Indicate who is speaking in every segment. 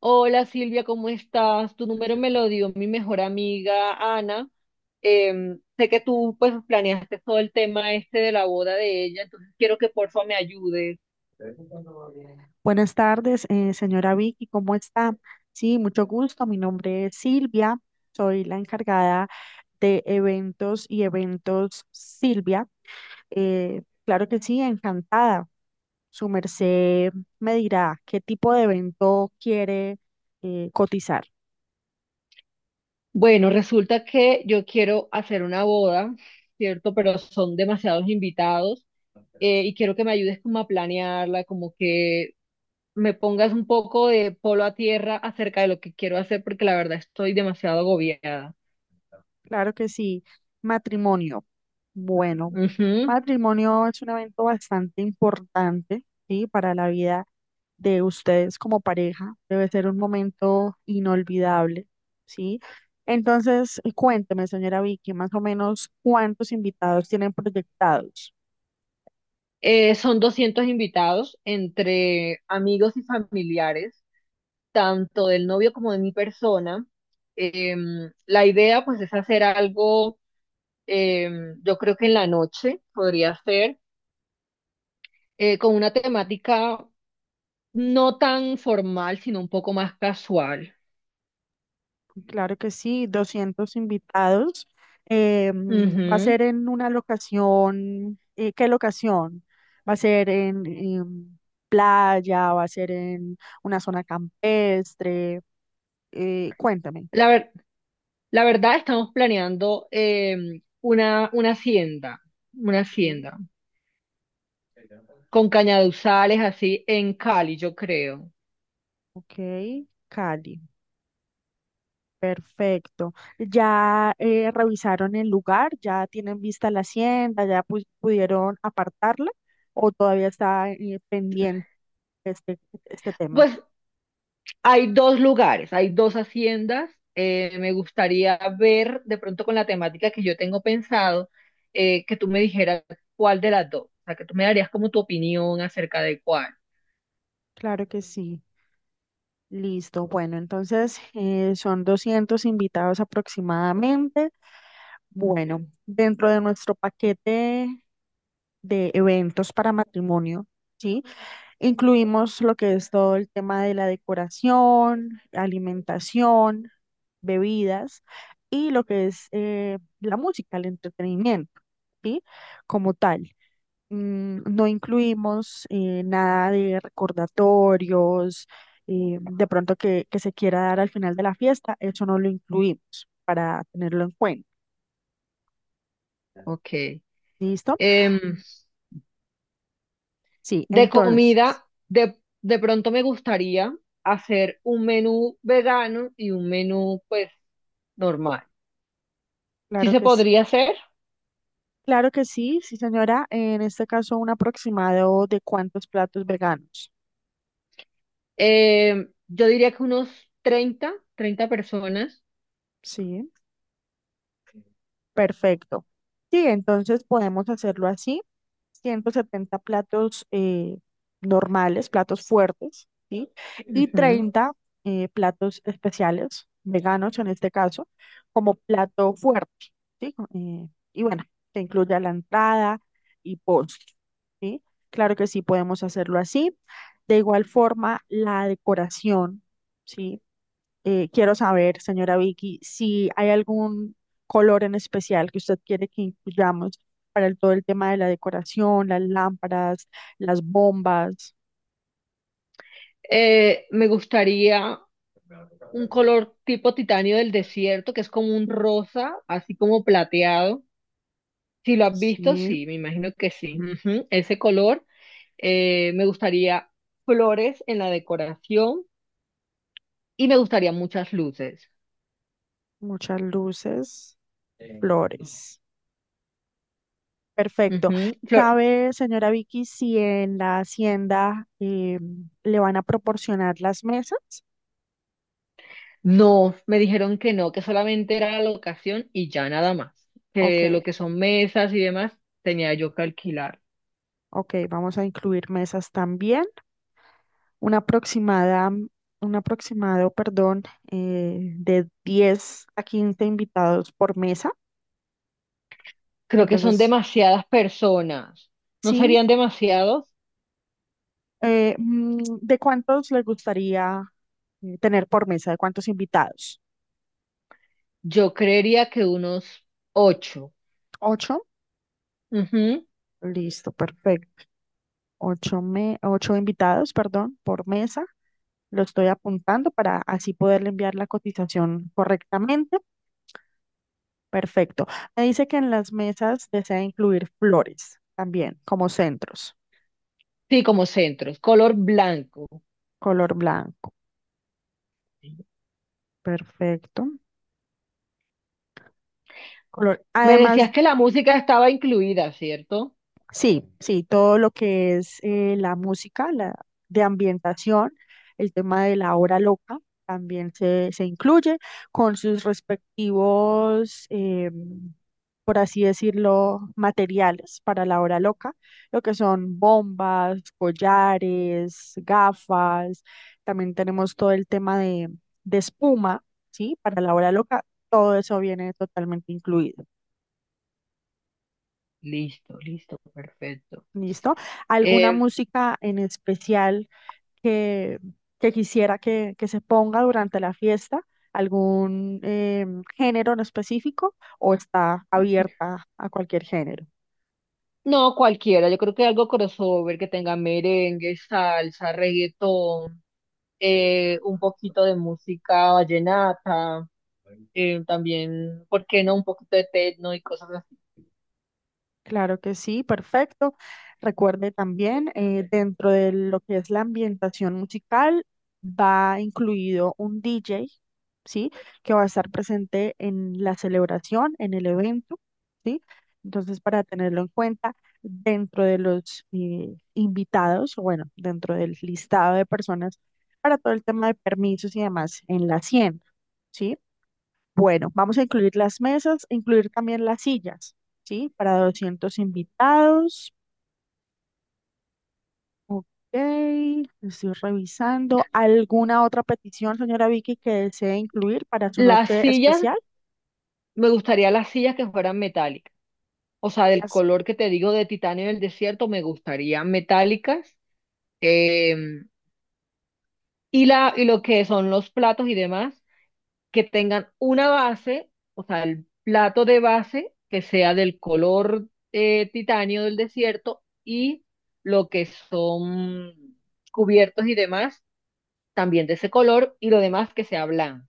Speaker 1: Hola Silvia, ¿cómo estás? Tu número me lo dio mi mejor amiga Ana. Sé que tú pues planeaste todo el tema este de la boda de ella, entonces quiero que porfa me ayudes.
Speaker 2: Buenas tardes, señora Vicky, ¿cómo está? Sí, mucho gusto. Mi nombre es Silvia, soy la encargada de eventos y eventos Silvia. Claro que sí, encantada. Su merced me dirá qué tipo de evento quiere cotizar.
Speaker 1: Bueno, resulta que yo quiero hacer una boda, ¿cierto? Pero son demasiados invitados, y quiero que me ayudes como a planearla, como que me pongas un poco de polo a tierra acerca de lo que quiero hacer porque la verdad estoy demasiado agobiada.
Speaker 2: Claro que sí. Matrimonio. Bueno,
Speaker 1: Ujú.
Speaker 2: matrimonio es un evento bastante importante, ¿sí? Para la vida de ustedes como pareja. Debe ser un momento inolvidable, ¿sí? Entonces, cuénteme, señora Vicky, más o menos cuántos invitados tienen proyectados.
Speaker 1: Son 200 invitados entre amigos y familiares, tanto del novio como de mi persona. La idea pues es hacer algo, yo creo que en la noche podría ser, con una temática no tan formal, sino un poco más casual.
Speaker 2: Claro que sí, 200 invitados. Va a
Speaker 1: Ujú.
Speaker 2: ser en una locación, ¿qué locación? Va a ser en playa, va a ser en una zona campestre. Cuéntame.
Speaker 1: La ver- la verdad, estamos planeando una hacienda, una
Speaker 2: Sí.
Speaker 1: hacienda, con cañaduzales así en Cali, yo creo.
Speaker 2: Ok, Cali, perfecto. ¿Ya revisaron el lugar? ¿Ya tienen vista la hacienda? ¿Ya pudieron apartarla? ¿O todavía está pendiente este, este tema?
Speaker 1: Pues hay dos lugares, hay dos haciendas. Me gustaría ver de pronto con la temática que yo tengo pensado, que tú me dijeras cuál de las dos, o sea, que tú me darías como tu opinión acerca de cuál.
Speaker 2: Claro que sí. Listo. Bueno, entonces son 200 invitados aproximadamente. Bueno, dentro de nuestro paquete de eventos para matrimonio, ¿sí? Incluimos lo que es todo el tema de la decoración, alimentación, bebidas y lo que es la música, el entretenimiento, ¿sí? Como tal no incluimos nada de recordatorios, de pronto que se quiera dar al final de la fiesta, eso no lo incluimos para tenerlo en cuenta.
Speaker 1: Ok.
Speaker 2: ¿Listo?
Speaker 1: Em,
Speaker 2: Sí,
Speaker 1: de
Speaker 2: entonces,
Speaker 1: comida, de pronto me gustaría hacer un menú vegano y un menú pues normal. ¿Sí
Speaker 2: claro
Speaker 1: se
Speaker 2: que sí.
Speaker 1: podría hacer?
Speaker 2: Claro que sí, sí, señora. En este caso, un aproximado de cuántos platos veganos.
Speaker 1: Yo diría que unos 30 personas.
Speaker 2: Sí. Perfecto. Sí, entonces podemos hacerlo así. 170 platos normales, platos fuertes, ¿sí? Y
Speaker 1: Ujú.
Speaker 2: 30 platos especiales, veganos en este caso, como plato fuerte, ¿sí? Y bueno, que incluya la entrada y postre, ¿sí? Claro que sí, podemos hacerlo así. De igual forma, la decoración, ¿sí? Quiero saber, señora Vicky, si hay algún color en especial que usted quiere que incluyamos para todo el tema de la decoración, las lámparas, las bombas,
Speaker 1: Me gustaría un color tipo titanio del desierto, que es como un rosa, así como plateado. Si lo has visto,
Speaker 2: sí,
Speaker 1: sí, me imagino que sí. Ujú, ese color. Me gustaría flores en la decoración y me gustaría muchas luces.
Speaker 2: muchas luces, flores. Perfecto.
Speaker 1: Ujú,
Speaker 2: ¿Sabe, señora Vicky, si en la hacienda le van a proporcionar las mesas?
Speaker 1: no, me dijeron que no, que solamente era la locación y ya nada más.
Speaker 2: Ok,
Speaker 1: Que lo que son mesas y demás tenía yo que alquilar.
Speaker 2: ok, vamos a incluir mesas también. una aproximada, un aproximado, perdón, de 10 a 15 invitados por mesa.
Speaker 1: Creo que son
Speaker 2: Entonces,
Speaker 1: demasiadas personas. ¿No
Speaker 2: sí,
Speaker 1: serían demasiados?
Speaker 2: ¿de cuántos les gustaría tener por mesa? ¿De cuántos invitados?
Speaker 1: Yo creería que unos ocho.
Speaker 2: ¿Ocho?
Speaker 1: Ujú.
Speaker 2: Listo, perfecto. Ocho, ocho invitados, perdón, por mesa. Lo estoy apuntando para así poderle enviar la cotización correctamente. Perfecto. Me dice que en las mesas desea incluir flores también, como centros,
Speaker 1: Sí, como centros, color blanco.
Speaker 2: color blanco. Perfecto. Color.
Speaker 1: Me
Speaker 2: Además
Speaker 1: decías que la música estaba incluida, ¿cierto?
Speaker 2: sí, sí, todo lo que es la música, la de ambientación, el tema de la hora loca también se incluye con sus respectivos, por así decirlo, materiales para la hora loca, lo que son bombas, collares, gafas, también tenemos todo el tema de espuma, ¿sí? Para la hora loca, todo eso viene totalmente incluido.
Speaker 1: Listo, listo, perfecto.
Speaker 2: ¿Listo? ¿Alguna
Speaker 1: Eh,
Speaker 2: música en especial que, que quisiera que se ponga durante la fiesta? ¿Algún género en específico o está abierta a cualquier género?
Speaker 1: No, cualquiera, yo creo que algo crossover que tenga merengue, salsa, reggaetón, un poquito de música vallenata, también, ¿por qué no? Un poquito de techno y cosas así.
Speaker 2: Claro que sí, perfecto. Recuerde también, dentro de lo que es la ambientación musical, va incluido un DJ, ¿sí? Que va a estar presente en la celebración, en el evento, ¿sí? Entonces, para tenerlo en cuenta, dentro de los invitados, o bueno, dentro del listado de personas, para todo el tema de permisos y demás, en la 100, ¿sí? Bueno, vamos a incluir las mesas, incluir también las sillas, ¿sí? Para 200 invitados. Ok, estoy revisando. ¿Alguna otra petición, señora Vicky, que desee incluir para su
Speaker 1: Las
Speaker 2: noche
Speaker 1: sillas,
Speaker 2: especial?
Speaker 1: me gustaría las sillas que fueran metálicas, o sea, del
Speaker 2: Sillas,
Speaker 1: color que te digo de titanio del desierto, me gustaría metálicas. Eh, y, la, y lo que son los platos y demás. Que tengan una base, o sea, el plato de base que sea del color, titanio del desierto, y lo que son cubiertos y demás, también de ese color y lo demás que sea blanco.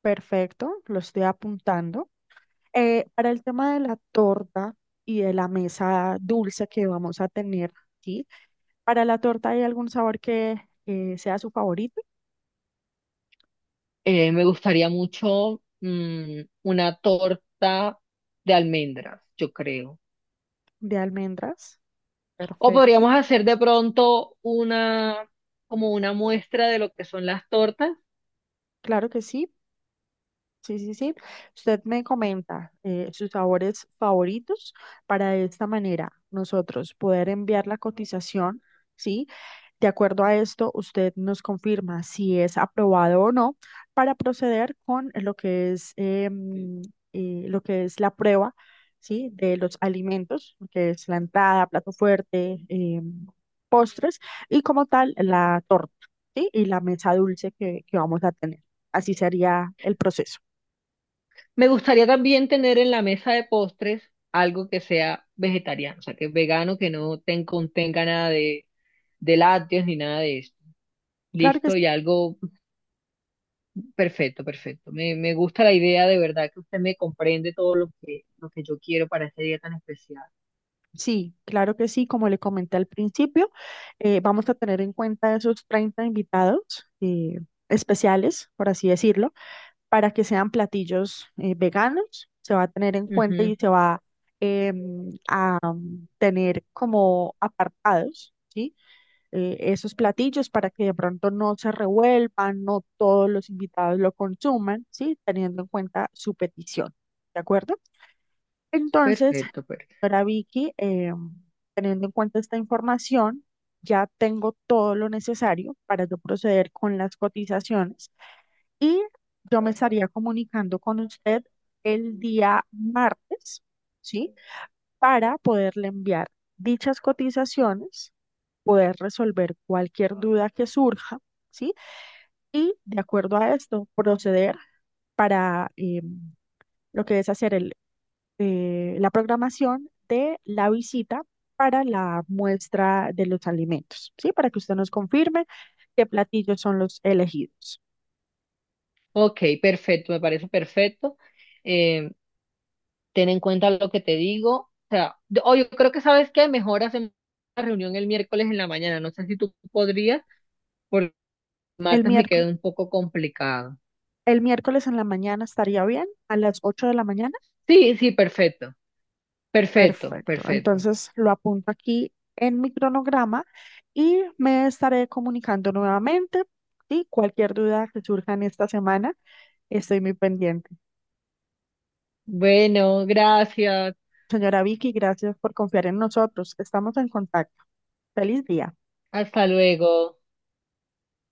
Speaker 2: perfecto, lo estoy apuntando. Para el tema de la torta y de la mesa dulce que vamos a tener, ¿sí? Para la torta, ¿hay algún sabor que sea su favorito?
Speaker 1: Me gustaría mucho, mm, una torta de almendras, yo creo.
Speaker 2: De almendras.
Speaker 1: O
Speaker 2: Perfecto.
Speaker 1: podríamos hacer de pronto una, como una muestra de lo que son las tortas.
Speaker 2: Claro que sí. Sí, sí, sí. Usted me comenta sus sabores favoritos para de esta manera nosotros poder enviar la cotización, ¿sí? De acuerdo a esto, usted nos confirma si es aprobado o no para proceder con lo que es, lo que es la prueba, ¿sí? De los alimentos, lo que es la entrada, plato fuerte, postres y como tal la torta, ¿sí? Y la mesa dulce que vamos a tener. Así sería el proceso.
Speaker 1: Me gustaría también tener en la mesa de postres algo que sea vegetariano, o sea, que es vegano, que no ten- contenga nada de, de lácteos ni nada de esto.
Speaker 2: Claro que
Speaker 1: Listo,
Speaker 2: s-
Speaker 1: y algo perfecto, perfecto. Me gusta la idea de verdad que usted me comprende todo lo que yo quiero para ese día tan especial.
Speaker 2: sí, claro que sí, como le comenté al principio, vamos a tener en cuenta esos 30 invitados especiales, por así decirlo, para que sean platillos veganos, se va a tener en cuenta
Speaker 1: Ujú,
Speaker 2: y se va tener como apartados, ¿sí? Esos platillos para que de pronto no se revuelvan, no todos los invitados lo consuman, ¿sí? Teniendo en cuenta su petición, ¿de acuerdo? Entonces,
Speaker 1: perfecto, perfecto.
Speaker 2: para Vicky, teniendo en cuenta esta información, ya tengo todo lo necesario para yo proceder con las cotizaciones y yo me estaría comunicando con usted el día martes, ¿sí? Para poderle enviar dichas cotizaciones, poder resolver cualquier duda que surja, ¿sí? Y de acuerdo a esto, proceder para lo que es hacer el la programación de la visita para la muestra de los alimentos, ¿sí? Para que usted nos confirme qué platillos son los elegidos.
Speaker 1: Ok, perfecto, me parece perfecto. Eh, ten en cuenta lo que te digo. O sea, o yo creo que sabes que mejor hacemos la reunión el miércoles en la mañana. No sé si tú podrías.
Speaker 2: El
Speaker 1: Martes me
Speaker 2: miércoles,
Speaker 1: quedó un poco complicado.
Speaker 2: el miércoles en la mañana estaría bien, a las 8 de la mañana.
Speaker 1: Sí, sí, perfecto. Perfecto,
Speaker 2: Perfecto.
Speaker 1: perfecto.
Speaker 2: Entonces lo apunto aquí en mi cronograma y me estaré comunicando nuevamente. Y cualquier duda que surja en esta semana, estoy muy pendiente.
Speaker 1: Bueno, gracias.
Speaker 2: Señora Vicky, gracias por confiar en nosotros. Estamos en contacto. Feliz día.
Speaker 1: Hasta luego.